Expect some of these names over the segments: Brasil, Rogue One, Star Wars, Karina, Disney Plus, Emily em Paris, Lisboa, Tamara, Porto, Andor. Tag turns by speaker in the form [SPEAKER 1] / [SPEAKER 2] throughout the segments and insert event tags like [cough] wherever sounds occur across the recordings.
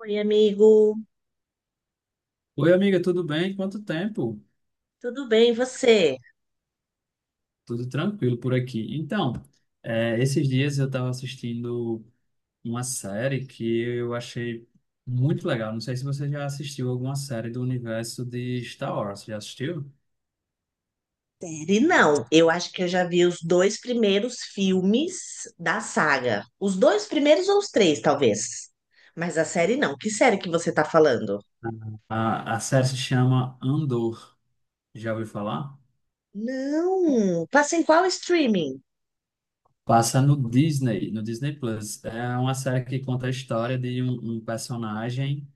[SPEAKER 1] Oi, amigo.
[SPEAKER 2] Oi, amiga, tudo bem? Quanto tempo?
[SPEAKER 1] Tudo bem, e você?
[SPEAKER 2] Tudo tranquilo por aqui. Então, esses dias eu estava assistindo uma série que eu achei muito legal. Não sei se você já assistiu alguma série do universo de Star Wars. Já assistiu?
[SPEAKER 1] Série não. Eu acho que eu já vi os dois primeiros filmes da saga. Os dois primeiros ou os três, talvez. Mas a série não. Que série que você tá falando?
[SPEAKER 2] A série se chama Andor. Já ouviu falar?
[SPEAKER 1] Não. Passa em qual streaming?
[SPEAKER 2] Passa no Disney, no Disney Plus. É uma série que conta a história de um personagem.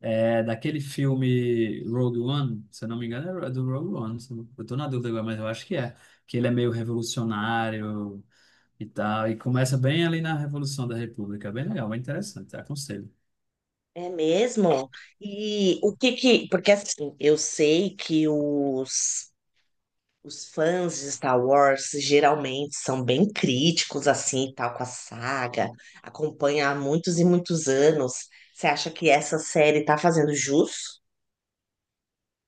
[SPEAKER 2] É daquele filme Rogue One, se eu não me engano, é do Rogue One. Se Eu não- Eu tô na dúvida agora, mas eu acho que é. Que ele é meio revolucionário e tal. E começa bem ali na Revolução da República. É bem legal, bem interessante, aconselho.
[SPEAKER 1] É mesmo? E o que que... Porque assim, eu sei que os fãs de Star Wars geralmente são bem críticos assim, e tal, com a saga, acompanha há muitos e muitos anos. Você acha que essa série tá fazendo jus?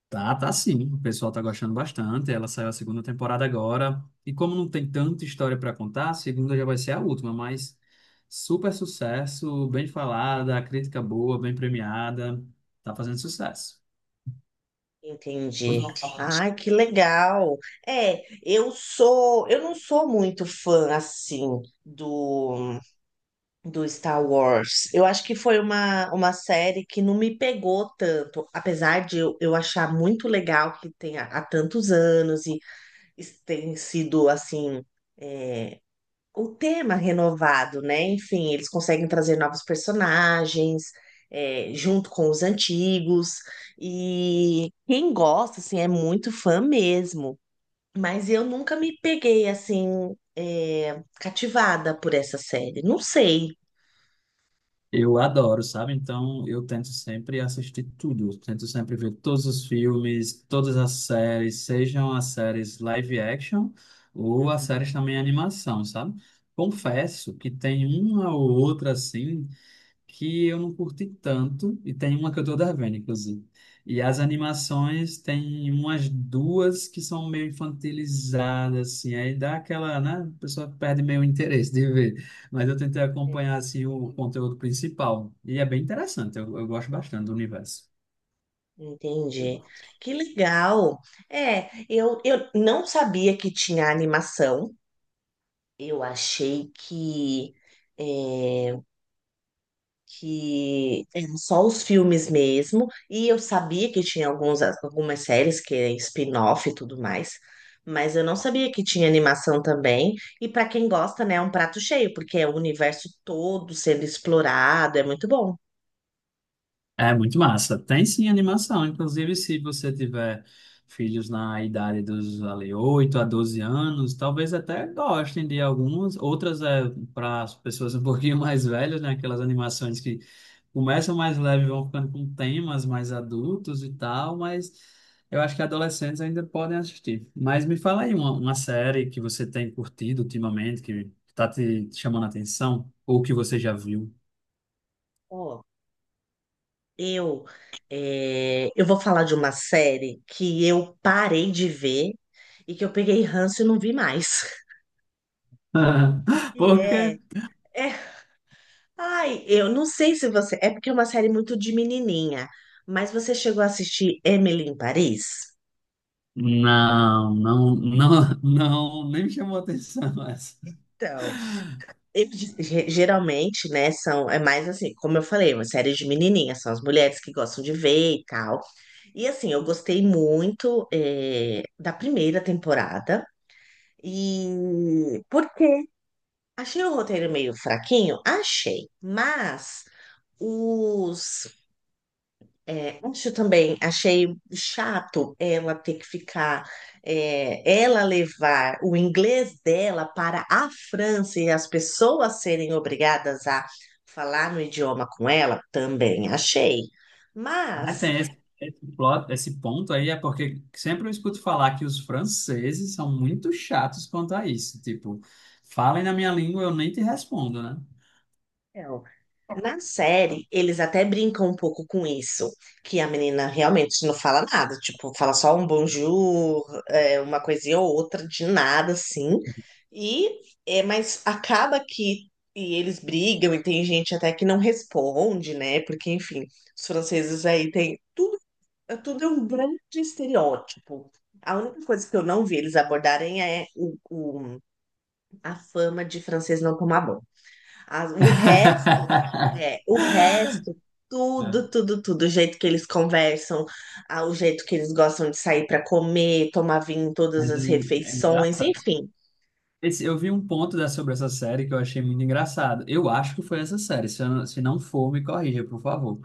[SPEAKER 2] Tá, tá sim. O pessoal tá gostando bastante. Ela saiu a segunda temporada agora. E como não tem tanta história para contar, a segunda já vai ser a última, mas super sucesso, bem falada, crítica boa, bem premiada. Tá fazendo sucesso.
[SPEAKER 1] Entendi. Ai, que legal. Eu não sou muito fã assim do do Star Wars. Eu acho que foi uma série que não me pegou tanto, apesar de eu achar muito legal que tenha há tantos anos tem sido assim é, o tema renovado, né? Enfim, eles conseguem trazer novos personagens, junto com os antigos, e quem gosta assim é muito fã mesmo. Mas eu nunca me peguei assim cativada por essa série. Não sei.
[SPEAKER 2] Eu adoro, sabe? Então eu tento sempre assistir tudo, eu tento sempre ver todos os filmes, todas as séries, sejam as séries live action ou as
[SPEAKER 1] Uhum.
[SPEAKER 2] séries também animação, sabe? Confesso que tem uma ou outra assim que eu não curti tanto, e tem uma que eu tô devendo, inclusive. E as animações tem umas duas que são meio infantilizadas, assim, aí dá aquela, né? A pessoa perde meio o interesse de ver. Mas eu tentei
[SPEAKER 1] É,
[SPEAKER 2] acompanhar, assim, o conteúdo principal, e é bem interessante, eu gosto bastante do universo.
[SPEAKER 1] Entendi. Que legal. Eu não sabia que tinha animação. Eu achei que é, que eram só os filmes mesmo, e eu sabia que tinha alguns, algumas séries que é spin-off e tudo mais, mas eu não sabia que tinha animação também. E para quem gosta, né, é um prato cheio, porque é o universo todo sendo explorado, é muito bom.
[SPEAKER 2] É muito massa. Tem sim animação. Inclusive, se você tiver filhos na idade dos ali, 8 a 12 anos, talvez até gostem de algumas. Outras é para as pessoas um [laughs] pouquinho mais velhas, né? Aquelas animações que começam mais leve, e vão ficando com temas mais adultos e tal, mas eu acho que adolescentes ainda podem assistir. Mas me fala aí uma série que você tem curtido ultimamente, que está te chamando a atenção, ou que você já viu.
[SPEAKER 1] Ó, eu eu vou falar de uma série que eu parei de ver e que eu peguei ranço e não vi mais. [laughs]
[SPEAKER 2] [laughs]
[SPEAKER 1] E
[SPEAKER 2] Por quê?
[SPEAKER 1] é. Ai, eu não sei se você. É porque é uma série muito de menininha, mas você chegou a assistir Emily em Paris?
[SPEAKER 2] Não, não, não, não, nem me chamou a atenção [laughs] essa.
[SPEAKER 1] Então, eu, geralmente, né, são, é mais assim, como eu falei, uma série de menininha são as mulheres que gostam de ver e tal. E assim, eu gostei muito, da primeira temporada. E por quê? Achei o roteiro meio fraquinho? Achei. Mas os... É, isso também achei chato ela ter que ficar, ela levar o inglês dela para a França e as pessoas serem obrigadas a falar no idioma com ela, também achei.
[SPEAKER 2] Ah,
[SPEAKER 1] Mas...
[SPEAKER 2] tem esse, esse plot, esse ponto aí, é porque sempre eu escuto falar que os franceses são muito chatos quanto a isso. Tipo, falem na minha língua, eu nem te respondo, né?
[SPEAKER 1] Então, na série, eles até brincam um pouco com isso, que a menina realmente não fala nada, tipo, fala só um bonjour, uma coisinha ou outra, de nada, assim. E, mas acaba que e eles brigam e tem gente até que não responde, né? Porque, enfim, os franceses aí tem tudo, tudo é um grande estereótipo. A única coisa que eu não vi eles abordarem é a fama de francês não tomar banho. O resto,
[SPEAKER 2] [laughs]
[SPEAKER 1] o resto, tudo,
[SPEAKER 2] É,
[SPEAKER 1] tudo, tudo, o jeito que eles conversam, ah, o jeito que eles gostam de sair para comer, tomar vinho em todas
[SPEAKER 2] mas é,
[SPEAKER 1] as
[SPEAKER 2] é
[SPEAKER 1] refeições,
[SPEAKER 2] engraçado.
[SPEAKER 1] enfim,
[SPEAKER 2] Eu vi um ponto da, sobre essa série que eu achei muito engraçado. Eu acho que foi essa série. Se, eu não- se não for, me corrija, por favor.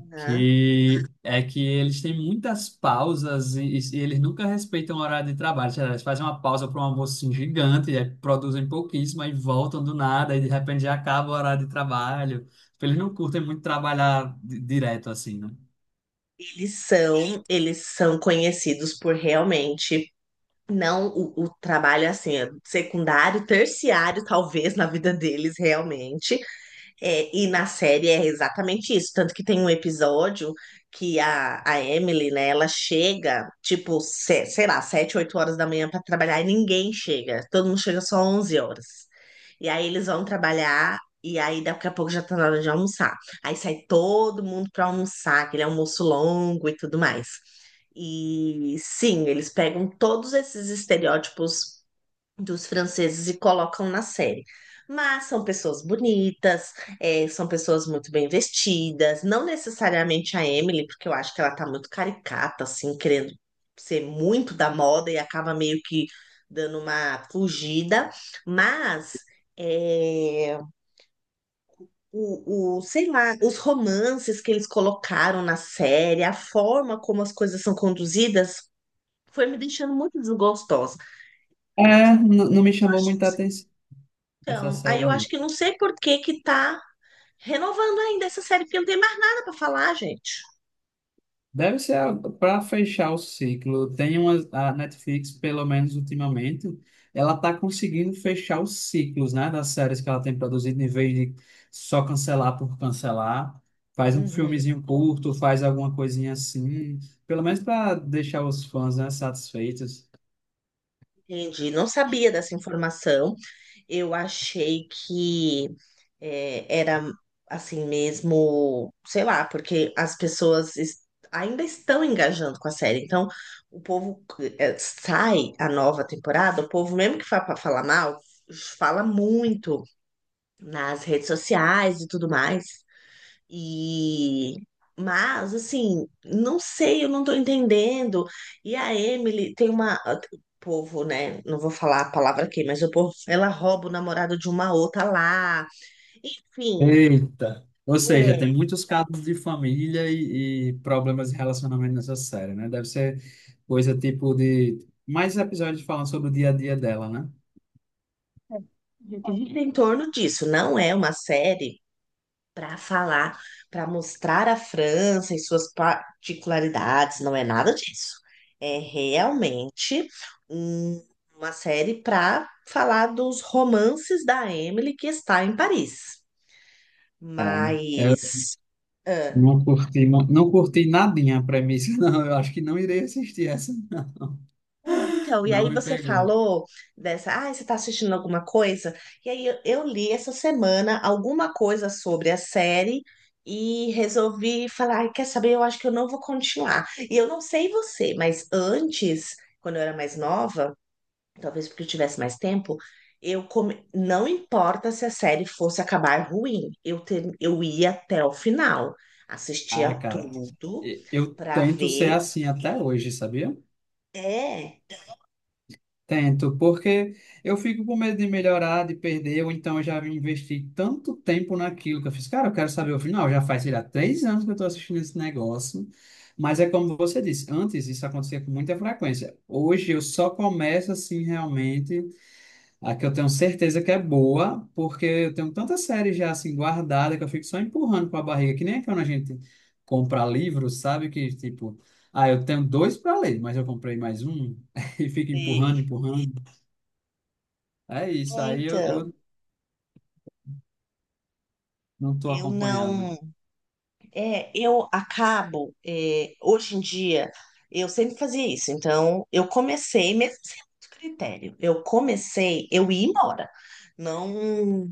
[SPEAKER 1] né?
[SPEAKER 2] Que é que eles têm muitas pausas e eles nunca respeitam o horário de trabalho. Sei lá, eles fazem uma pausa para um almoço assim, gigante, e aí produzem pouquíssimo, aí voltam do nada, e de repente já acaba o horário de trabalho. Tipo, eles não curtem muito trabalhar direto assim, né?
[SPEAKER 1] Eles são conhecidos por realmente não o trabalho assim, é secundário, terciário, talvez na vida deles realmente. É, e na série é exatamente isso. Tanto que tem um episódio que a Emily, né, ela chega, tipo, sei lá, sete, oito horas da manhã para trabalhar e ninguém chega. Todo mundo chega só 11 horas. E aí eles vão trabalhar e aí daqui a pouco já tá na hora de almoçar. Aí sai todo mundo para almoçar, aquele almoço longo e tudo mais. E sim, eles pegam todos esses estereótipos dos franceses e colocam na série. Mas são pessoas bonitas, são pessoas muito bem vestidas, não necessariamente a Emily, porque eu acho que ela tá muito caricata, assim, querendo ser muito da moda e acaba meio que dando uma fugida, mas eh, sei lá, os romances que eles colocaram na série, a forma como as coisas são conduzidas, foi me deixando muito desgostosa.
[SPEAKER 2] É, não me chamou muita atenção essa
[SPEAKER 1] Então, aí
[SPEAKER 2] série,
[SPEAKER 1] eu
[SPEAKER 2] não.
[SPEAKER 1] acho que não sei por que que tá renovando ainda essa série, porque não tem mais nada para falar, gente.
[SPEAKER 2] Deve ser para fechar o ciclo. Tem uma, a Netflix, pelo menos ultimamente, ela está conseguindo fechar os ciclos, né, das séries que ela tem produzido, em vez de só cancelar por cancelar. Faz um
[SPEAKER 1] Uhum,
[SPEAKER 2] filmezinho curto, faz alguma coisinha assim, pelo menos para deixar os fãs, né, satisfeitos.
[SPEAKER 1] entendi. Não sabia dessa informação. Eu achei que... É, era assim mesmo, sei lá, porque as pessoas ainda estão engajando com a série. Então, o povo sai a nova temporada, o povo, mesmo que fa pra falar mal, fala muito nas redes sociais e tudo mais. E mas assim, não sei, eu não tô entendendo. E a Emily tem uma o povo, né? Não vou falar a palavra aqui, mas o povo, ela rouba o namorado de uma outra lá. Enfim,
[SPEAKER 2] Eita! Ou seja, tem
[SPEAKER 1] é,
[SPEAKER 2] muitos casos de família e problemas de relacionamento nessa série, né? Deve ser coisa tipo de mais episódios falando sobre o dia a dia dela, né?
[SPEAKER 1] que gira em torno disso. Não é uma série para falar, para mostrar a França e suas particularidades, não é nada disso. É realmente um- uma série para falar dos romances da Emily que está em Paris.
[SPEAKER 2] É, eu
[SPEAKER 1] Mas...
[SPEAKER 2] não curti, não, não curti nadinha a premissa, [laughs] não. Eu acho que não irei assistir essa.
[SPEAKER 1] Então, e
[SPEAKER 2] Não
[SPEAKER 1] aí
[SPEAKER 2] me
[SPEAKER 1] você
[SPEAKER 2] pegou.
[SPEAKER 1] falou dessa, ah, você está assistindo alguma coisa? E aí eu li essa semana alguma coisa sobre a série e resolvi falar, "Ai, quer saber? Eu acho que eu não vou continuar." E eu não sei você, mas antes, quando eu era mais nova, talvez porque eu tivesse mais tempo, eu não importa se a série fosse acabar ruim, eu ia até o final, assistia
[SPEAKER 2] Ah, cara,
[SPEAKER 1] tudo
[SPEAKER 2] eu
[SPEAKER 1] para
[SPEAKER 2] tento ser
[SPEAKER 1] ver.
[SPEAKER 2] assim até hoje, sabia?
[SPEAKER 1] É,
[SPEAKER 2] Tento, porque eu fico com medo de melhorar, de perder, ou então eu já investi tanto tempo naquilo que eu fiz. Cara, eu quero saber o final. Já faz, sei lá, 3 anos que eu estou assistindo esse negócio. Mas é como você disse, antes isso acontecia com muita frequência. Hoje eu só começo assim realmente. A que eu tenho certeza que é boa, porque eu tenho tanta série já assim guardada que eu fico só empurrando com a barriga, que nem é quando a gente compra livros, sabe? Que tipo, ah, eu tenho dois para ler, mas eu comprei mais um [laughs] e fico empurrando,
[SPEAKER 1] sei.
[SPEAKER 2] empurrando. É isso, aí eu,
[SPEAKER 1] Então.
[SPEAKER 2] eu não estou
[SPEAKER 1] Eu
[SPEAKER 2] acompanhando.
[SPEAKER 1] não. É, eu acabo. Hoje em dia, eu sempre fazia isso. Então, eu comecei, mesmo sem muito critério, eu comecei, eu ia embora. Não,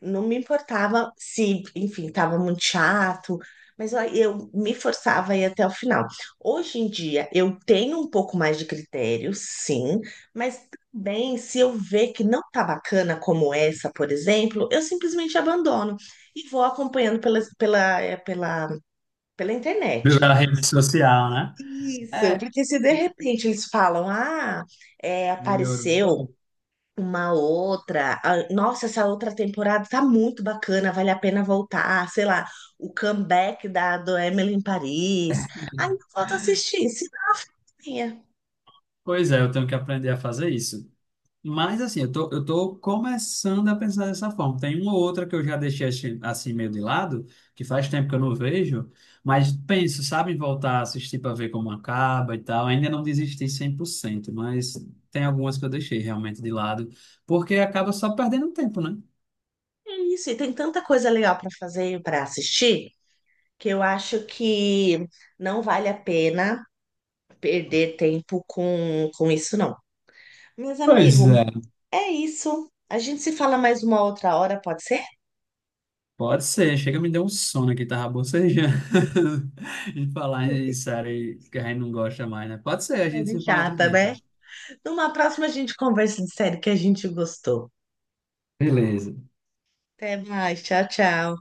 [SPEAKER 1] não me importava se, enfim, estava muito chato, mas ó, eu me forçava a ir até o final. Hoje em dia, eu tenho um pouco mais de critério, sim, mas também se eu ver que não tá bacana como essa, por exemplo, eu simplesmente abandono e vou acompanhando pela internet.
[SPEAKER 2] Pela rede social, né?
[SPEAKER 1] Isso,
[SPEAKER 2] É,
[SPEAKER 1] porque se de repente eles falam, ah,
[SPEAKER 2] melhorou.
[SPEAKER 1] apareceu uma outra. Ah, nossa, essa outra temporada tá muito bacana, vale a pena voltar. Sei lá, o comeback da do Emily em Paris. Ai, não falta assistir, cineminha.
[SPEAKER 2] Pois é, eu tenho que aprender a fazer isso. Mas assim, eu tô começando a pensar dessa forma. Tem uma ou outra que eu já deixei assim, assim meio de lado, que faz tempo que eu não vejo, mas penso, sabe, em voltar a assistir para ver como acaba e tal. Ainda não desisti 100%, mas tem algumas que eu deixei realmente de lado, porque acaba só perdendo tempo, né?
[SPEAKER 1] É isso, e tem tanta coisa legal para fazer e para assistir que eu acho que não vale a pena perder tempo com isso, não. Meus
[SPEAKER 2] Pois
[SPEAKER 1] amigos,
[SPEAKER 2] é.
[SPEAKER 1] é isso. A gente se fala mais uma outra hora, pode ser?
[SPEAKER 2] Pode ser, chega me deu um sono aqui, tava bocejando. [laughs] E falar em série que a gente não gosta mais, né? Pode ser, a gente
[SPEAKER 1] É
[SPEAKER 2] se fala outro
[SPEAKER 1] chata,
[SPEAKER 2] dia, então.
[SPEAKER 1] né? Numa próxima a gente conversa de série que a gente gostou.
[SPEAKER 2] Beleza.
[SPEAKER 1] Até mais. Tchau, tchau.